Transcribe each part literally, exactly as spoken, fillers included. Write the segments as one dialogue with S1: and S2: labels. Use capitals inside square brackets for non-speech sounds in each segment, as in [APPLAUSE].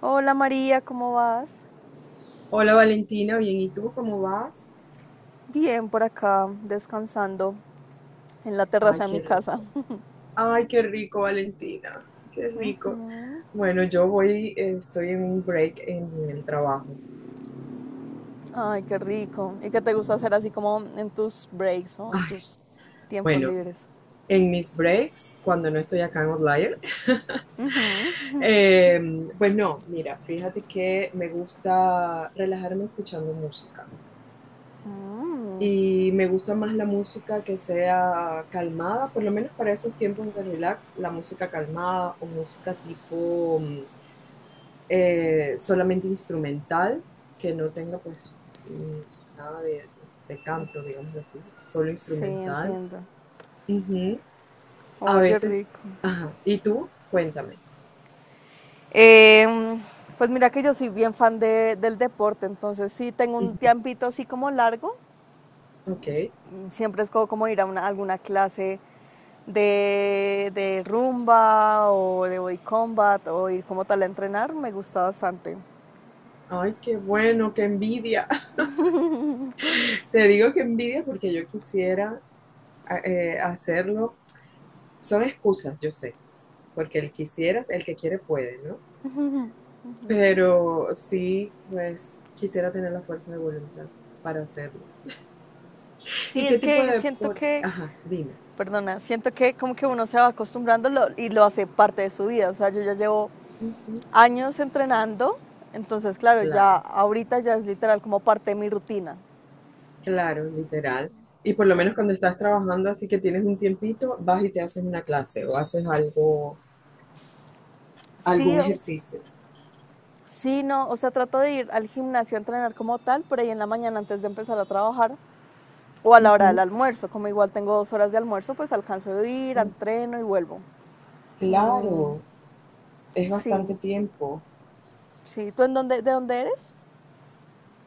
S1: Hola María, ¿cómo vas?
S2: Hola Valentina, bien, ¿y tú cómo vas?
S1: Bien, por acá, descansando en la
S2: Ay,
S1: terraza de
S2: qué
S1: mi casa.
S2: rico.
S1: [LAUGHS]
S2: Ay, qué rico, Valentina. Qué rico. Bueno, yo voy, eh, estoy en un break en el trabajo.
S1: Ay, qué rico. ¿Y qué te gusta hacer así como en tus breaks o en
S2: Ay,
S1: tus tiempos
S2: bueno,
S1: libres?
S2: en mis breaks, cuando no estoy acá en Outlier, [LAUGHS] eh, pues no, mira, fíjate que me gusta relajarme escuchando música. Y me gusta más la música que sea calmada, por lo menos para esos tiempos de relax, la música calmada o música tipo. mm, eh, solamente instrumental, que no tenga pues nada de, de canto, digamos así, solo
S1: Sí,
S2: instrumental.
S1: entiendo.
S2: Ujú. A
S1: Oye,
S2: veces,
S1: rico.
S2: ajá, ¿y tú? Cuéntame.
S1: Em, pues mira que yo soy bien fan de- del deporte, entonces sí tengo un
S2: Ujú.
S1: tiempito así como largo.
S2: Ok.
S1: Siempre es como ir a una- alguna clase de, de rumba o de body combat o ir como tal a entrenar, me gusta bastante.
S2: Ay, qué bueno, qué envidia. [LAUGHS] Te digo que envidia porque yo quisiera a- eh, hacerlo. Son excusas, yo sé, porque el quisieras, el que quiere puede, ¿no? Pero sí, pues quisiera tener la fuerza de voluntad para hacerlo.
S1: Sí,
S2: ¿Y
S1: es
S2: qué tipo
S1: que
S2: de
S1: siento
S2: deporte?
S1: que,
S2: Ajá, dime.
S1: perdona, siento que como que uno se va acostumbrando lo- y lo hace parte de su vida. O sea, yo ya llevo
S2: Ujú,
S1: años entrenando, entonces claro, ya
S2: Claro,
S1: ahorita ya es literal como parte de mi rutina.
S2: claro, literal. Y por lo menos
S1: Sí.
S2: cuando estás trabajando, así que tienes un tiempito, vas y te haces una clase o haces algo,
S1: Sí,
S2: algún ejercicio.
S1: sí, no, o sea, trato de ir al gimnasio a entrenar como tal, por ahí en la mañana antes de empezar a trabajar, o a la hora del
S2: Ujú,
S1: almuerzo. Como igual tengo dos horas de almuerzo, pues alcanzo a ir,
S2: mm,
S1: entreno y vuelvo. Mm,
S2: Claro, es
S1: sí,
S2: bastante tiempo.
S1: sí. ¿Tú en dónde, de dónde eres?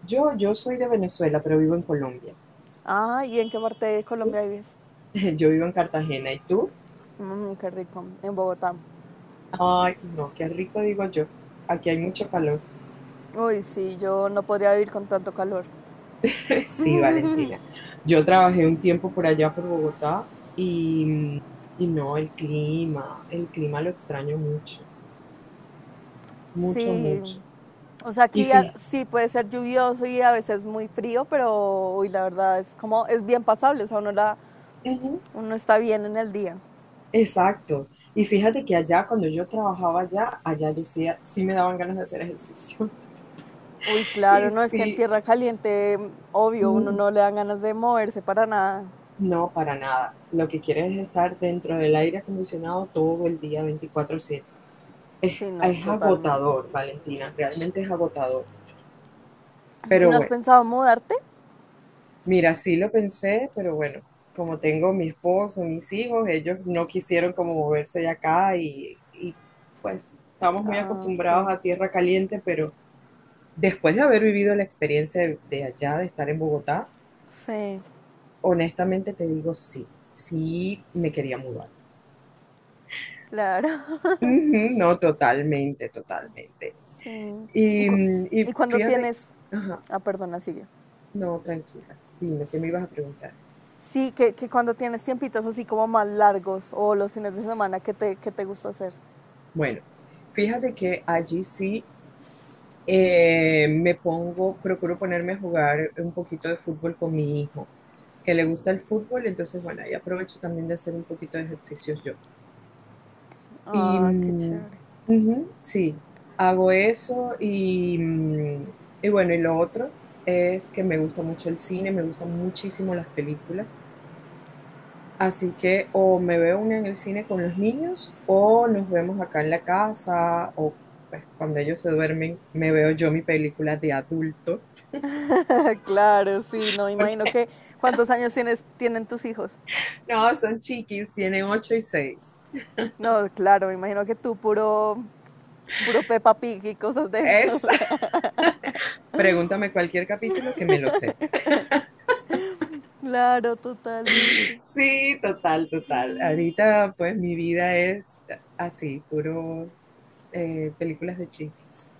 S2: Yo, yo soy de Venezuela, pero vivo en Colombia.
S1: Ah, ¿y en qué parte de
S2: ¿Tú?
S1: Colombia vives?
S2: [LAUGHS] Yo vivo en Cartagena. ¿Y tú?
S1: Mm, qué rico, en Bogotá.
S2: Ay, no, qué rico digo yo. Aquí hay mucho calor.
S1: Uy, sí, yo no podría vivir con tanto calor.
S2: [LAUGHS] Sí, Valentina. Yo trabajé un tiempo por allá, por Bogotá, y, y no, el clima, el clima, lo extraño mucho, mucho,
S1: Sí,
S2: mucho.
S1: o sea,
S2: Y
S1: aquí a-
S2: fíjate,
S1: sí puede ser lluvioso y a veces muy frío, pero uy, la verdad es como, es bien pasable, o sea, uno, la, uno está bien en el día.
S2: exacto. Y fíjate que allá, cuando yo trabajaba allá, allá yo sí, sí me daban ganas de hacer ejercicio. [LAUGHS]
S1: Uy, claro,
S2: Y
S1: no, es que en
S2: sí,
S1: tierra caliente, obvio, uno
S2: mm,
S1: no le dan ganas de moverse para nada.
S2: no, para nada. Lo que quieres es estar dentro del aire acondicionado todo el día, veinticuatro siete. Es,
S1: Sí, no,
S2: es
S1: totalmente.
S2: agotador, Valentina, realmente es agotador.
S1: ¿Y
S2: Pero
S1: no has
S2: bueno.
S1: pensado mudarte?
S2: Mira, sí lo pensé, pero bueno, como tengo mi esposo, mis hijos, ellos no quisieron como moverse de acá y, y, pues estamos muy
S1: Ah, ok.
S2: acostumbrados a tierra caliente, pero después de haber vivido la experiencia de, de allá, de estar en Bogotá,
S1: Sí,
S2: honestamente te digo sí, sí me quería mudar.
S1: claro. [LAUGHS]
S2: Ujú, no, totalmente, totalmente.
S1: Sí. ¿Y
S2: Y,
S1: cu-
S2: mm,
S1: ¿Y
S2: y
S1: cuando
S2: fíjate,
S1: tienes...
S2: ajá,
S1: Ah, perdona, sigue.
S2: no, tranquila, dime, ¿qué me ibas a preguntar?
S1: Sí, que, que cuando tienes tiempitos así como más largos o los fines de semana, ¿qué te, qué te gusta hacer?
S2: Bueno, fíjate que allí sí eh, me pongo, procuro ponerme a jugar un poquito de fútbol con mi hijo, que le gusta el fútbol, entonces bueno, ahí aprovecho también de hacer un poquito de ejercicios yo. Y
S1: Ah, qué
S2: mm,
S1: chévere.
S2: ujú, sí, hago eso y, mm, y bueno, y lo otro es que me gusta mucho el cine, me gustan muchísimo las películas. Así que o me veo una en el cine con los niños o nos vemos acá en la casa o pues, cuando ellos se duermen me veo yo mi película de adulto.
S1: [LAUGHS] Claro, sí, no, imagino que... ¿Cuántos años tienes, tienen tus hijos?
S2: No, son chiquis, tienen ocho y seis.
S1: No, claro, me imagino que tú puro puro Peppa Pig y cosas de eso.
S2: Es, [LAUGHS] pregúntame cualquier capítulo que me lo sé.
S1: Claro, totalmente.
S2: Sí, total, total. Ahorita, pues, mi vida es así, puros eh, películas de chiquis.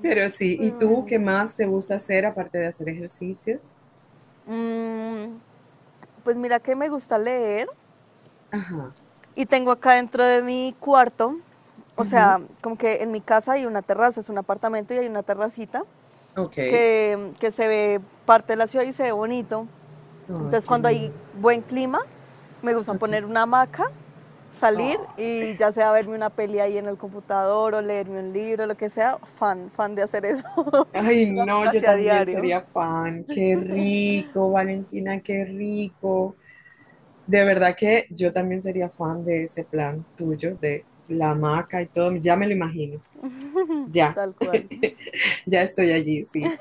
S2: Pero sí, ¿y
S1: Pero
S2: tú qué
S1: bueno.
S2: más te gusta hacer aparte de hacer ejercicio?
S1: Mm, pues mira que me gusta leer
S2: Ajá.
S1: y tengo acá dentro de mi cuarto, o
S2: ujú,
S1: sea, como que en mi casa hay una terraza, es un apartamento y hay una terracita
S2: Ok. Ay,
S1: que, que se ve parte de la ciudad y se ve bonito. Entonces
S2: qué
S1: cuando hay
S2: lindo.
S1: buen clima, me gusta
S2: Ok.
S1: poner una hamaca, salir
S2: Oh.
S1: y ya sea verme una peli ahí en el computador o leerme un libro, lo que sea, fan, fan de hacer eso. [LAUGHS]
S2: Ay,
S1: Lo hago
S2: no, yo
S1: casi a
S2: también
S1: diario,
S2: sería fan. Qué rico, Valentina, qué rico. De verdad que yo también sería fan de ese plan tuyo, de la hamaca y todo. Ya me lo imagino. Ya,
S1: tal cual.
S2: [LAUGHS] ya estoy allí, sí.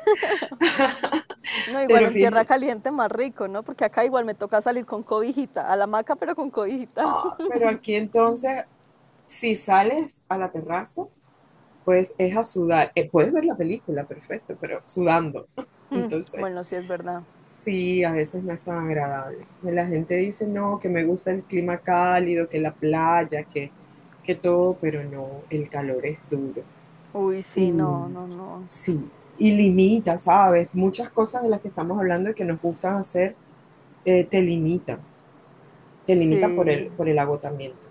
S1: No,
S2: [LAUGHS]
S1: igual
S2: Pero
S1: en tierra
S2: fíjate.
S1: caliente más rico, ¿no? Porque acá igual me toca salir con cobijita, a la hamaca pero con cobijita.
S2: Ah,
S1: [LAUGHS]
S2: pero aquí entonces, si sales a la terraza, pues es a sudar. Eh, puedes ver la película, perfecto, pero sudando. [LAUGHS] Entonces,
S1: Bueno, sí es verdad.
S2: sí, a veces no es tan agradable. La gente dice, no, que me gusta el clima cálido, que la playa, que, que todo, pero no, el calor es duro.
S1: Uy, sí,
S2: Y
S1: no, no, no.
S2: sí, y limita, ¿sabes? Muchas cosas de las que estamos hablando y que nos gustan hacer, eh, te limitan. Te limita por
S1: Sí.
S2: el, por el agotamiento.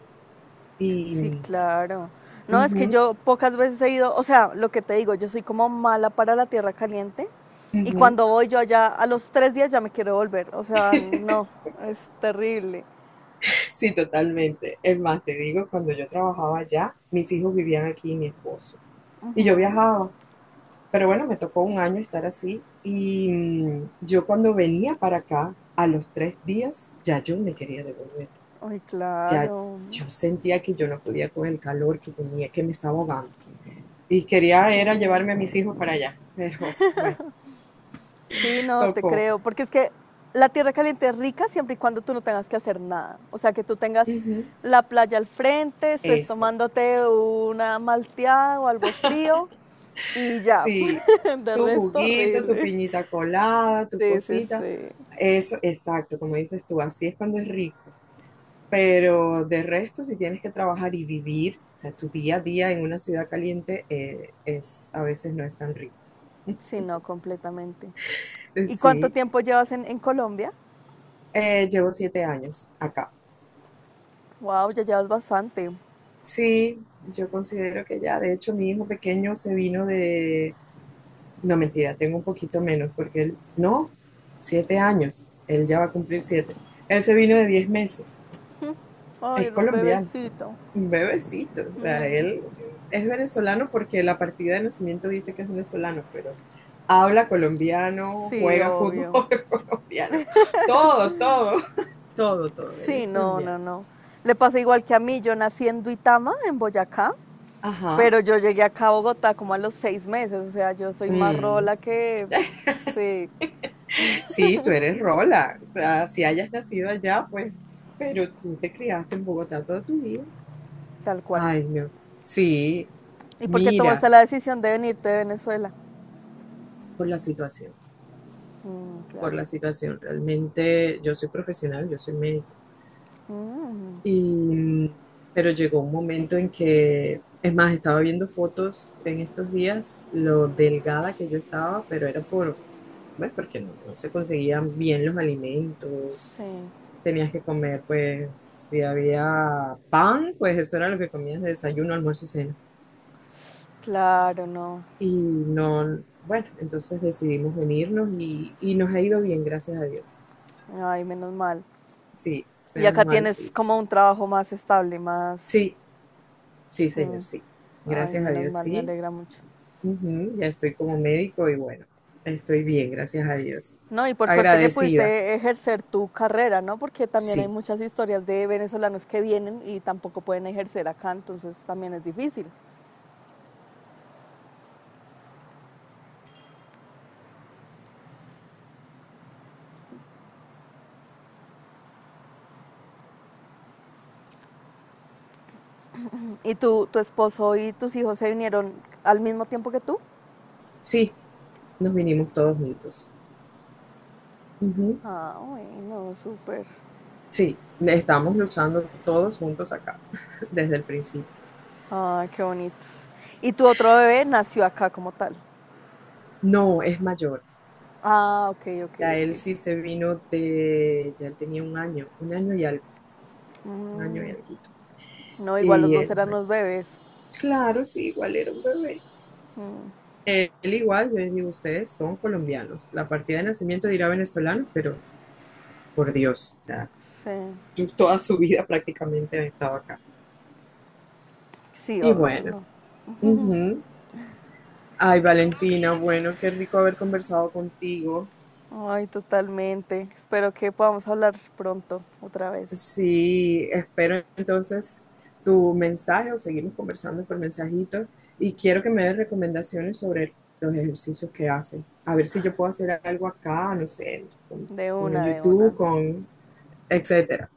S1: Sí,
S2: Y,
S1: claro. No, es que
S2: ujú,
S1: yo pocas veces he ido, o sea, lo que te digo, yo soy como mala para la tierra caliente y
S2: ujú.
S1: cuando voy yo allá a los tres días ya me quiero volver, o sea, no, es terrible.
S2: Sí, totalmente. Es más, te digo, cuando yo trabajaba allá, mis hijos vivían aquí y mi esposo. Y yo viajaba. Pero bueno, me tocó un año estar así. Y mm, yo cuando venía para acá, a los tres días, ya yo me quería devolver.
S1: Ay,
S2: Ya
S1: claro,
S2: yo sentía que yo no podía con el calor que tenía, que me estaba ahogando. Y quería era
S1: sí,
S2: llevarme a mis hijos para allá. [LAUGHS] Pero bueno,
S1: sí, no, te
S2: tocó.
S1: creo, porque es que la tierra caliente es rica siempre y cuando tú no tengas que hacer nada, o sea, que tú tengas
S2: Ujú.
S1: la playa al frente, estés
S2: Eso.
S1: tomándote una malteada o algo frío y ya,
S2: Sí,
S1: [LAUGHS] de
S2: tu
S1: resto
S2: juguito, tu
S1: horrible.
S2: piñita colada, tu
S1: Sí, sí,
S2: cosita.
S1: sí.
S2: Eso, exacto, como dices tú, así es cuando es rico. Pero de resto, si tienes que trabajar y vivir, o sea, tu día a día en una ciudad caliente eh, es, a veces no es tan rico.
S1: Sí, no, completamente. ¿Y cuánto
S2: Sí,
S1: tiempo llevas en, en Colombia?
S2: eh, llevo siete años acá.
S1: Wow, ya llevas bastante.
S2: Sí, yo considero que ya, de hecho, mi hijo pequeño se vino de... No, mentira, tengo un poquito menos, porque él, no, siete años, él ya va a cumplir siete. Él se vino de diez meses.
S1: Ay,
S2: Es
S1: era un
S2: colombiano,
S1: bebecito.
S2: un bebecito. O sea, él es venezolano porque la partida de nacimiento dice que es venezolano, pero habla colombiano,
S1: Sí,
S2: juega fútbol
S1: obvio.
S2: [LAUGHS] colombiano, todo, todo, todo, todo. Él
S1: Sí,
S2: es
S1: no, no,
S2: colombiano.
S1: no. Le pasa igual que a mí. Yo nací en Duitama, en Boyacá,
S2: Ajá.
S1: pero yo llegué acá a Bogotá como a los seis meses. O sea, yo soy más
S2: Mm.
S1: rola que. Sí,
S2: Sí, tú eres Rola. O sea, si hayas nacido allá, pues, pero tú te criaste en Bogotá toda tu vida.
S1: tal cual.
S2: Ay, no. Sí,
S1: ¿Y por qué tomaste
S2: mira,
S1: la decisión de venirte de Venezuela?
S2: por la situación,
S1: Mm, claro.
S2: por la situación. Realmente yo soy profesional, yo soy médica. Y, pero llegó un momento en que, es más, estaba viendo fotos en estos días, lo delgada que yo estaba, pero era por, bueno, porque no, no se conseguían bien los alimentos.
S1: Sí,
S2: Tenías que comer, pues, si había pan, pues eso era lo que comías de desayuno, almuerzo, cena.
S1: claro, no.
S2: Y no, bueno, entonces decidimos venirnos y, y nos ha ido bien, gracias a Dios.
S1: Ay, menos mal.
S2: Sí,
S1: Y
S2: menos
S1: acá
S2: mal,
S1: tienes
S2: sí.
S1: como un trabajo más estable, más...
S2: Sí, sí,
S1: Mm.
S2: señor, sí.
S1: Ay,
S2: Gracias a
S1: menos
S2: Dios,
S1: mal, me
S2: sí.
S1: alegra mucho.
S2: Ujú, Ya estoy como médico y bueno, estoy bien, gracias a Dios.
S1: No, y por suerte que
S2: Agradecida.
S1: pudiste ejercer tu carrera, ¿no? Porque también hay
S2: Sí,
S1: muchas historias de venezolanos que vienen y tampoco pueden ejercer acá, entonces también es difícil. ¿Y tú, tu esposo y tus hijos se vinieron al mismo tiempo que tú?
S2: sí, nos vinimos todos juntos. Ujú,
S1: Ah, bueno, súper.
S2: Sí, estamos luchando todos juntos acá [LAUGHS] desde el principio.
S1: Ah, qué bonitos. ¿Y tu otro bebé nació acá como tal?
S2: No, es mayor.
S1: Ah, ok, ok,
S2: Ya él
S1: ok.
S2: sí se vino de, ya él tenía un año, un año y algo, un año y alguito.
S1: No, igual los
S2: Y
S1: dos
S2: él, es
S1: eran
S2: mayor.
S1: los bebés.
S2: claro, sí, igual era un bebé. Él igual, yo les digo, ustedes son colombianos. La partida de nacimiento dirá venezolano, pero por Dios, o sea,
S1: Sí.
S2: toda su vida prácticamente he estado acá.
S1: Sí,
S2: Y
S1: obvio,
S2: bueno,
S1: no.
S2: ujú. Ay, Valentina, bueno, qué rico haber conversado contigo.
S1: Ay, totalmente. Espero que podamos hablar pronto, otra vez.
S2: Sí, espero entonces tu mensaje o seguimos conversando por mensajito y quiero que me des recomendaciones sobre los ejercicios que haces. A ver si yo puedo hacer algo acá, no sé, con,
S1: De
S2: con el
S1: una, de una.
S2: YouTube, con etcétera.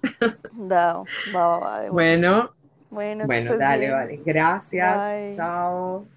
S1: Dao, va, va, va, de una.
S2: Bueno,
S1: Bueno, que
S2: bueno,
S1: estés
S2: dale,
S1: bien.
S2: vale. Gracias.
S1: Bye.
S2: Chao.